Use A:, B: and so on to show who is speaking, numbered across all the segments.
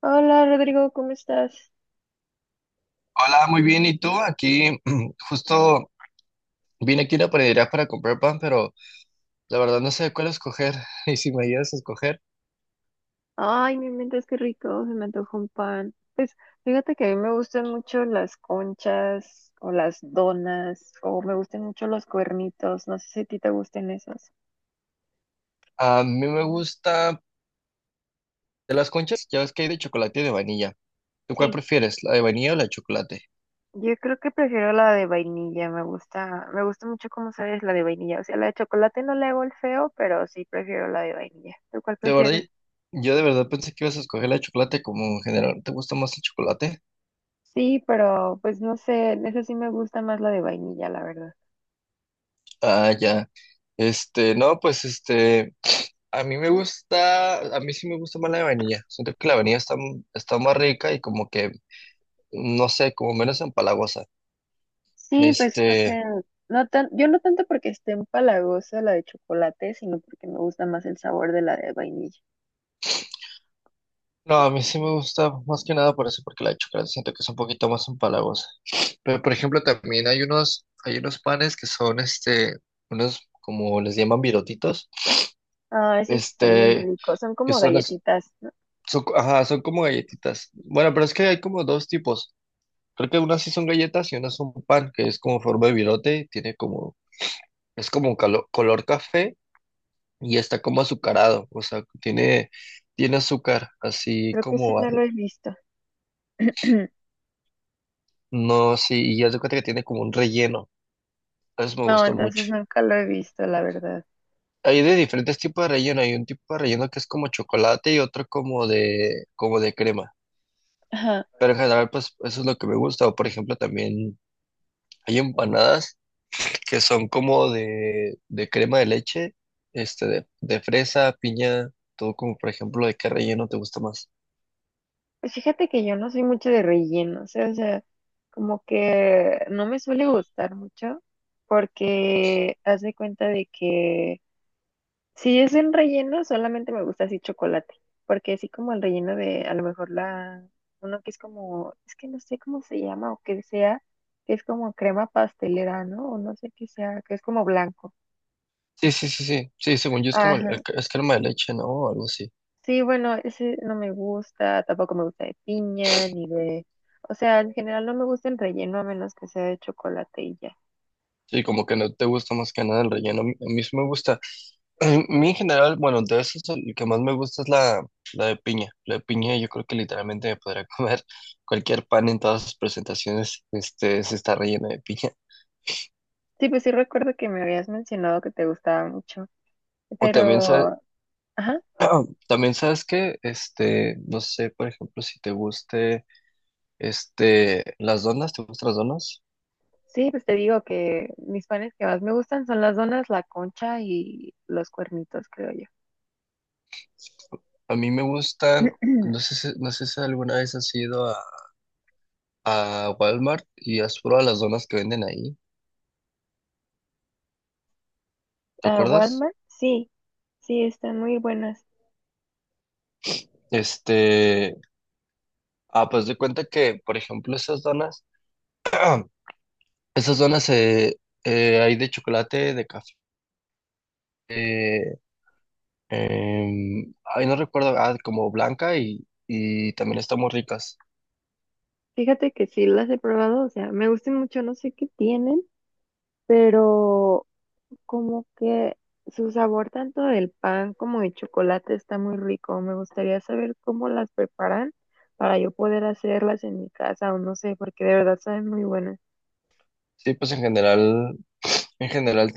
A: Hola Rodrigo, ¿cómo estás?
B: Hola, muy bien. ¿Y tú? Aquí justo vine aquí a la panadería para comprar pan, pero la verdad no sé cuál escoger. Y si me ayudas a escoger,
A: Ay, me inventas qué rico, se me antojó un pan. Pues fíjate que a mí me gustan mucho las conchas o las donas o me gustan mucho los cuernitos, no sé si a ti te gusten esos.
B: a mí me gusta de las conchas, ya ves que hay de chocolate y de vainilla. ¿Tú cuál
A: Sí,
B: prefieres, la de vainilla o la de chocolate?
A: yo creo que prefiero la de vainilla, me gusta mucho como sabes la de vainilla, o sea, la de chocolate no le hago el feo, pero sí prefiero la de vainilla. ¿Tú cuál
B: De verdad,
A: prefieres?
B: yo de verdad pensé que ibas a escoger la de chocolate como en general. ¿Te gusta más el chocolate?
A: Sí, pero pues no sé, esa sí me gusta más la de vainilla, la verdad.
B: Ah, ya. No, pues, a mí me gusta, a mí sí me gusta más la de vainilla. Siento que la vainilla está más rica y como que, no sé, como menos empalagosa.
A: Sí, pues, o sea,
B: Este,
A: no tan, yo no tanto porque esté empalagosa la de chocolate, sino porque me gusta más el sabor de la de vainilla.
B: no, a mí sí me gusta más que nada por eso, porque la de chocolate siento que es un poquito más empalagosa. Pero por ejemplo, también hay unos panes que son unos como les llaman virotitos,
A: Ah, eso es también
B: este,
A: rico. Son
B: que
A: como
B: son las,
A: galletitas, ¿no?
B: son, co- ajá, son como galletitas. Bueno, pero es que hay como dos tipos. Creo que unas sí son galletas y unas son pan, que es como forma de virote, es como color café y está como azucarado, o sea, tiene azúcar, así
A: Creo que ese
B: como.
A: no lo he visto.
B: No, sí, y ya se cuenta que tiene como un relleno. Eso me
A: No,
B: gustó mucho.
A: entonces nunca lo he visto, la verdad.
B: Hay de diferentes tipos de relleno. Hay un tipo de relleno que es como chocolate y otro como de crema.
A: Ajá.
B: Pero en general, pues eso es lo que me gusta. O por ejemplo, también hay empanadas que son de crema de leche, de fresa, piña, todo como por ejemplo, ¿de qué relleno te gusta más?
A: Pues fíjate que yo no soy mucho de relleno, o sea, como que no me suele gustar mucho porque haz de cuenta de que si es en relleno, solamente me gusta así chocolate, porque así como el relleno de a lo mejor la, uno que es como, es que no sé cómo se llama o que sea, que es como crema pastelera, ¿no? O no sé qué sea, que es como blanco.
B: Sí, sí, sí, sí. Sí, según yo es como
A: Ajá.
B: es crema de leche, ¿no? O algo así.
A: Sí, bueno, ese no me gusta, tampoco me gusta de piña ni de, o sea, en general no me gusta el relleno a menos que sea de chocolate y ya.
B: Sí, como que no te gusta más que nada el relleno. A mí sí me gusta. A mí en general, bueno, de esos el que más me gusta es la de piña. La de piña yo creo que literalmente me podría comer cualquier pan en todas sus presentaciones, se está relleno de piña.
A: Sí, pues sí recuerdo que me habías mencionado que te gustaba mucho,
B: O también sabes,
A: pero, ajá.
B: también sabes que, no sé, por ejemplo, si te guste, las donas, ¿te gustan las donas?
A: Sí, pues te digo que mis panes que más me gustan son las donas, la concha y los cuernitos, creo yo.
B: A mí me gustan, no sé si alguna vez has ido a Walmart y has probado las donas que venden ahí, ¿te
A: ¿A
B: acuerdas?
A: Walmart? Sí, sí, están muy buenas.
B: Este, Ah, pues de cuenta que, por ejemplo, esas donas hay de chocolate, de café, eh, ay, no recuerdo, ah, como blanca y también están muy ricas.
A: Fíjate que sí las he probado, o sea, me gustan mucho, no sé qué tienen, pero como que su sabor tanto del pan como de chocolate está muy rico. Me gustaría saber cómo las preparan para yo poder hacerlas en mi casa o no sé, porque de verdad saben muy buenas.
B: Sí, pues en general,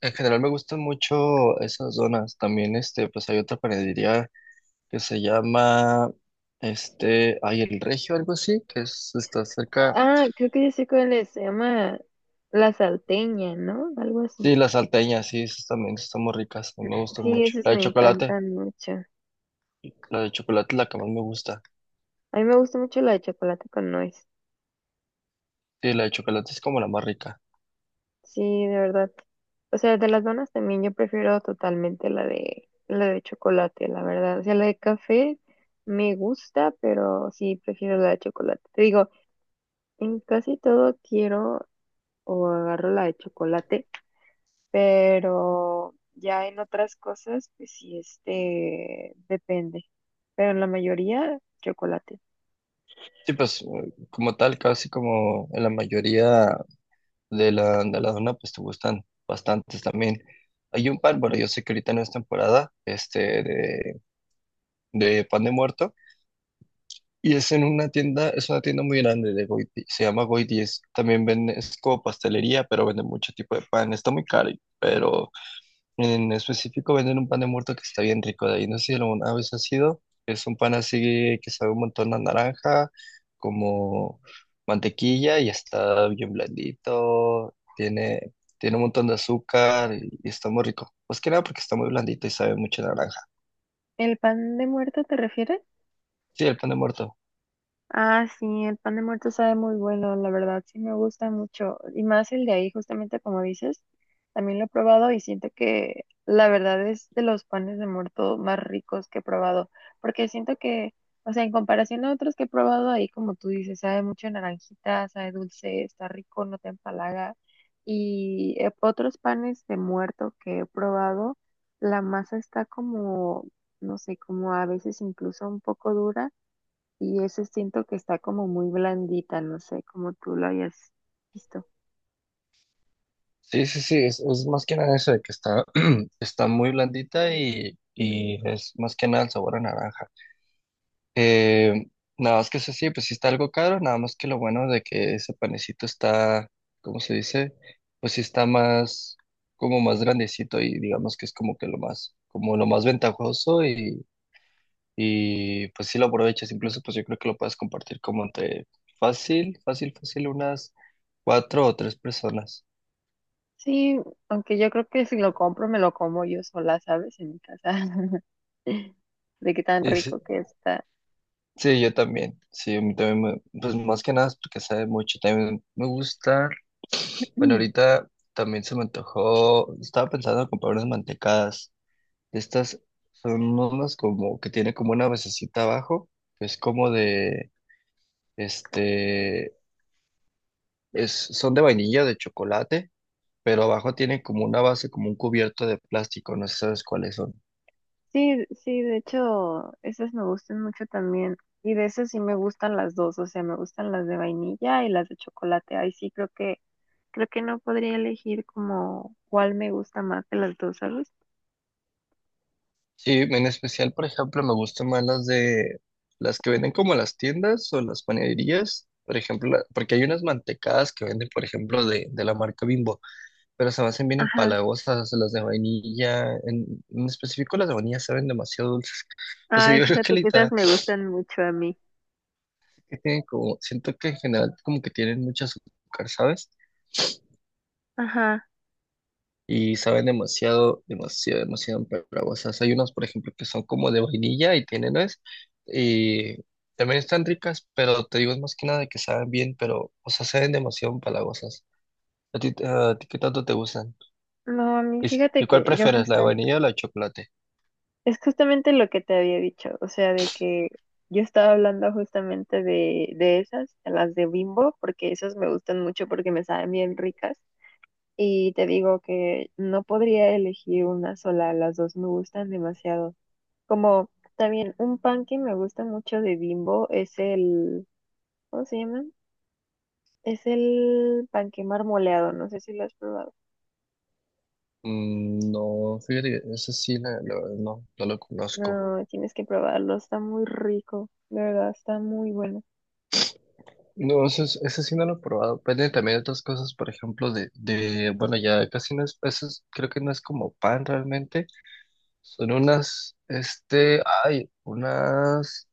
B: en general me gustan mucho esas donas. También, pues hay otra panadería que se llama, ay, El Regio, algo así, está cerca.
A: Ah, creo que yo sé cuál es, se llama La Salteña, ¿no? Algo así.
B: Sí, las salteñas, sí, esas también están muy ricas, me gustan
A: Sí,
B: mucho.
A: esas
B: La de
A: me
B: chocolate.
A: encantan mucho.
B: La de chocolate es la que más me gusta.
A: A mí me gusta mucho la de chocolate con nuez.
B: Sí, la de chocolate es como la más rica.
A: Sí, de verdad. O sea, de las donas también yo prefiero totalmente la de chocolate, la verdad. O sea, la de café me gusta, pero sí prefiero la de chocolate. Te digo, en casi todo quiero o agarro la de chocolate, pero ya en otras cosas, pues sí, este, depende, pero en la mayoría, chocolate.
B: Sí, como tal, casi como en la mayoría de la zona, pues te gustan bastantes también. Hay un pan, bueno, yo sé que ahorita no es temporada, de pan de muerto, y es en una tienda, es una tienda muy grande de Goiti, se llama Goiti, es, también vende, es como pastelería, pero vende mucho tipo de pan, está muy caro, pero en específico venden un pan de muerto que está bien rico de ahí. No sé si alguna vez ha sido. Es un pan así que sabe un montón a naranja, como mantequilla y está bien blandito. Tiene un montón de azúcar y está muy rico. Más que nada porque está muy blandito y sabe mucho a naranja.
A: ¿El pan de muerto te refieres?
B: Sí, el pan de muerto.
A: Ah, sí, el pan de muerto sabe muy bueno, la verdad, sí me gusta mucho. Y más el de ahí, justamente como dices, también lo he probado y siento que la verdad es de los panes de muerto más ricos que he probado, porque siento que, o sea, en comparación a otros que he probado ahí, como tú dices, sabe mucho a naranjita, sabe dulce, está rico, no te empalaga. Y otros panes de muerto que he probado, la masa está como, no sé, como a veces incluso un poco dura y eso siento que está como muy blandita, no sé cómo tú lo hayas visto.
B: Sí, sí, sí. Es más que nada eso de que está, está muy blandita y es más que nada el sabor a naranja. Eh, nada más que eso sí, pues sí está algo caro, nada más que lo bueno de que ese panecito está, ¿cómo se dice? Pues sí está más, como más grandecito y digamos que es como que lo más, como lo más ventajoso y pues sí lo aprovechas, incluso pues yo creo que lo puedes compartir como entre fácil, fácil, fácil, unas cuatro o tres personas.
A: Sí, aunque yo creo que si lo compro me lo como yo sola, ¿sabes? En mi casa. De qué tan rico que está.
B: Sí, yo también. Sí, a mí también, me- pues más que nada es porque sabe mucho. También me gusta. Bueno,
A: Mm.
B: ahorita también se me antojó. Estaba pensando en comprar unas mantecadas. Estas son unas como que tiene como una basecita abajo. Que es como de, este, son de vainilla, de chocolate, pero abajo tiene como una base, como un cubierto de plástico. No sé si sabes cuáles son.
A: Sí, sí, de hecho, esas me gustan mucho también. Y de esas sí me gustan las dos, o sea, me gustan las de vainilla y las de chocolate. Ahí sí creo que no podría elegir como cuál me gusta más de las dos, ¿sabes?
B: Sí, en especial, por ejemplo, me gustan más las que venden como en las tiendas o en las panaderías, por ejemplo, porque hay unas mantecadas que venden, por ejemplo, de la marca Bimbo, pero se me hacen bien
A: Ajá.
B: empalagosas, las de vainilla, en específico las de vainilla saben demasiado dulces. O sea,
A: Ay,
B: yo creo que
A: fíjate que esas
B: literal
A: me gustan mucho a mí.
B: que tienen como, siento que en general como que tienen mucho azúcar, ¿sabes?
A: Ajá.
B: Y saben demasiado, demasiado, demasiado empalagosas. Hay unos por ejemplo, que son como de vainilla y tienen nuez, y también están ricas, pero te digo, es más que nada que saben bien, pero, o sea, saben demasiado empalagosas. A ti qué tanto te gustan?
A: No, a mí
B: ¿Y,
A: fíjate
B: y cuál
A: que yo
B: prefieres, la
A: justo
B: de vainilla o la de chocolate?
A: es justamente lo que te había dicho, o sea, de que yo estaba hablando justamente de, esas, de las de Bimbo, porque esas me gustan mucho porque me saben bien ricas. Y te digo que no podría elegir una sola, las dos me gustan demasiado. Como también un pan que me gusta mucho de Bimbo es el, ¿cómo se llama? Es el panque marmoleado, no sé si lo has probado.
B: Mm, no, fíjate, que esa sí, la verdad no, no lo conozco.
A: No, tienes que probarlo, está muy rico, de verdad, está muy bueno.
B: No, eso, eso sí no lo he probado. Depende también de otras cosas, por ejemplo, bueno, ya casi no es, eso creo que no es como pan realmente, son unas, hay unas,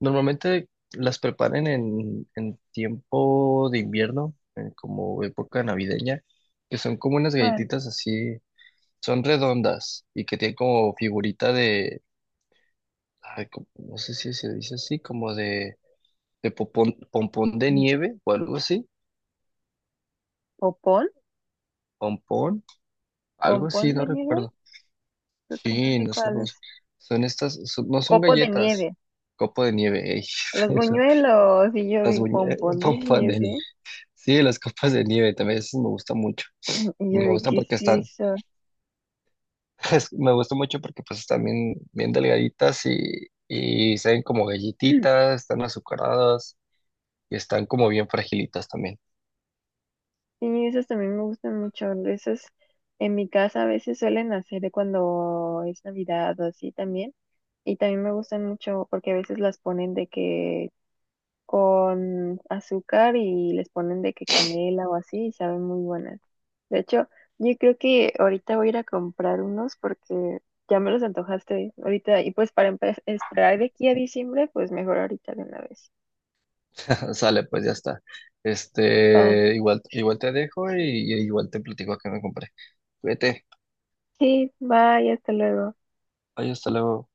B: normalmente las preparan en tiempo de invierno, en como época navideña, que son como unas
A: ¿Cuál?
B: galletitas así, son redondas y que tienen como figurita de, ay, como- no sé si se dice así, como de pompón de
A: Mm,
B: nieve o algo así,
A: ¿Popón?
B: pompón, algo
A: ¿Pompón
B: así,
A: de
B: no
A: nieve?
B: recuerdo.
A: Creo que no
B: Sí,
A: sé
B: no sé
A: cuál
B: cómo
A: es.
B: se- son estas, son- no son
A: Copo de nieve,
B: galletas, copo de nieve, ey.
A: los buñuelos. Y yo
B: Las
A: vi pompón de
B: pompas de nieve.
A: nieve.
B: Sí, las copas de nieve también esas me gustan mucho.
A: Y yo
B: Me
A: vi,
B: gustan
A: ¿qué es
B: porque están,
A: eso?
B: es- me gusta mucho porque pues están bien, bien delgaditas y se ven como galletitas, están azucaradas y están como bien fragilitas también.
A: Y esos también me gustan mucho. Esos en mi casa a veces suelen hacer de cuando es Navidad o así también. Y también me gustan mucho porque a veces las ponen de que con azúcar y les ponen de que canela o así y saben muy buenas. De hecho, yo creo que ahorita voy a ir a comprar unos porque ya me los antojaste ahorita y pues para esperar de aquí a diciembre, pues mejor ahorita de una vez.
B: Sale, pues ya está.
A: Va.
B: Igual te dejo y igual te platico que me compré. Cuídate.
A: Sí, bye, hasta luego.
B: Ay, hasta luego.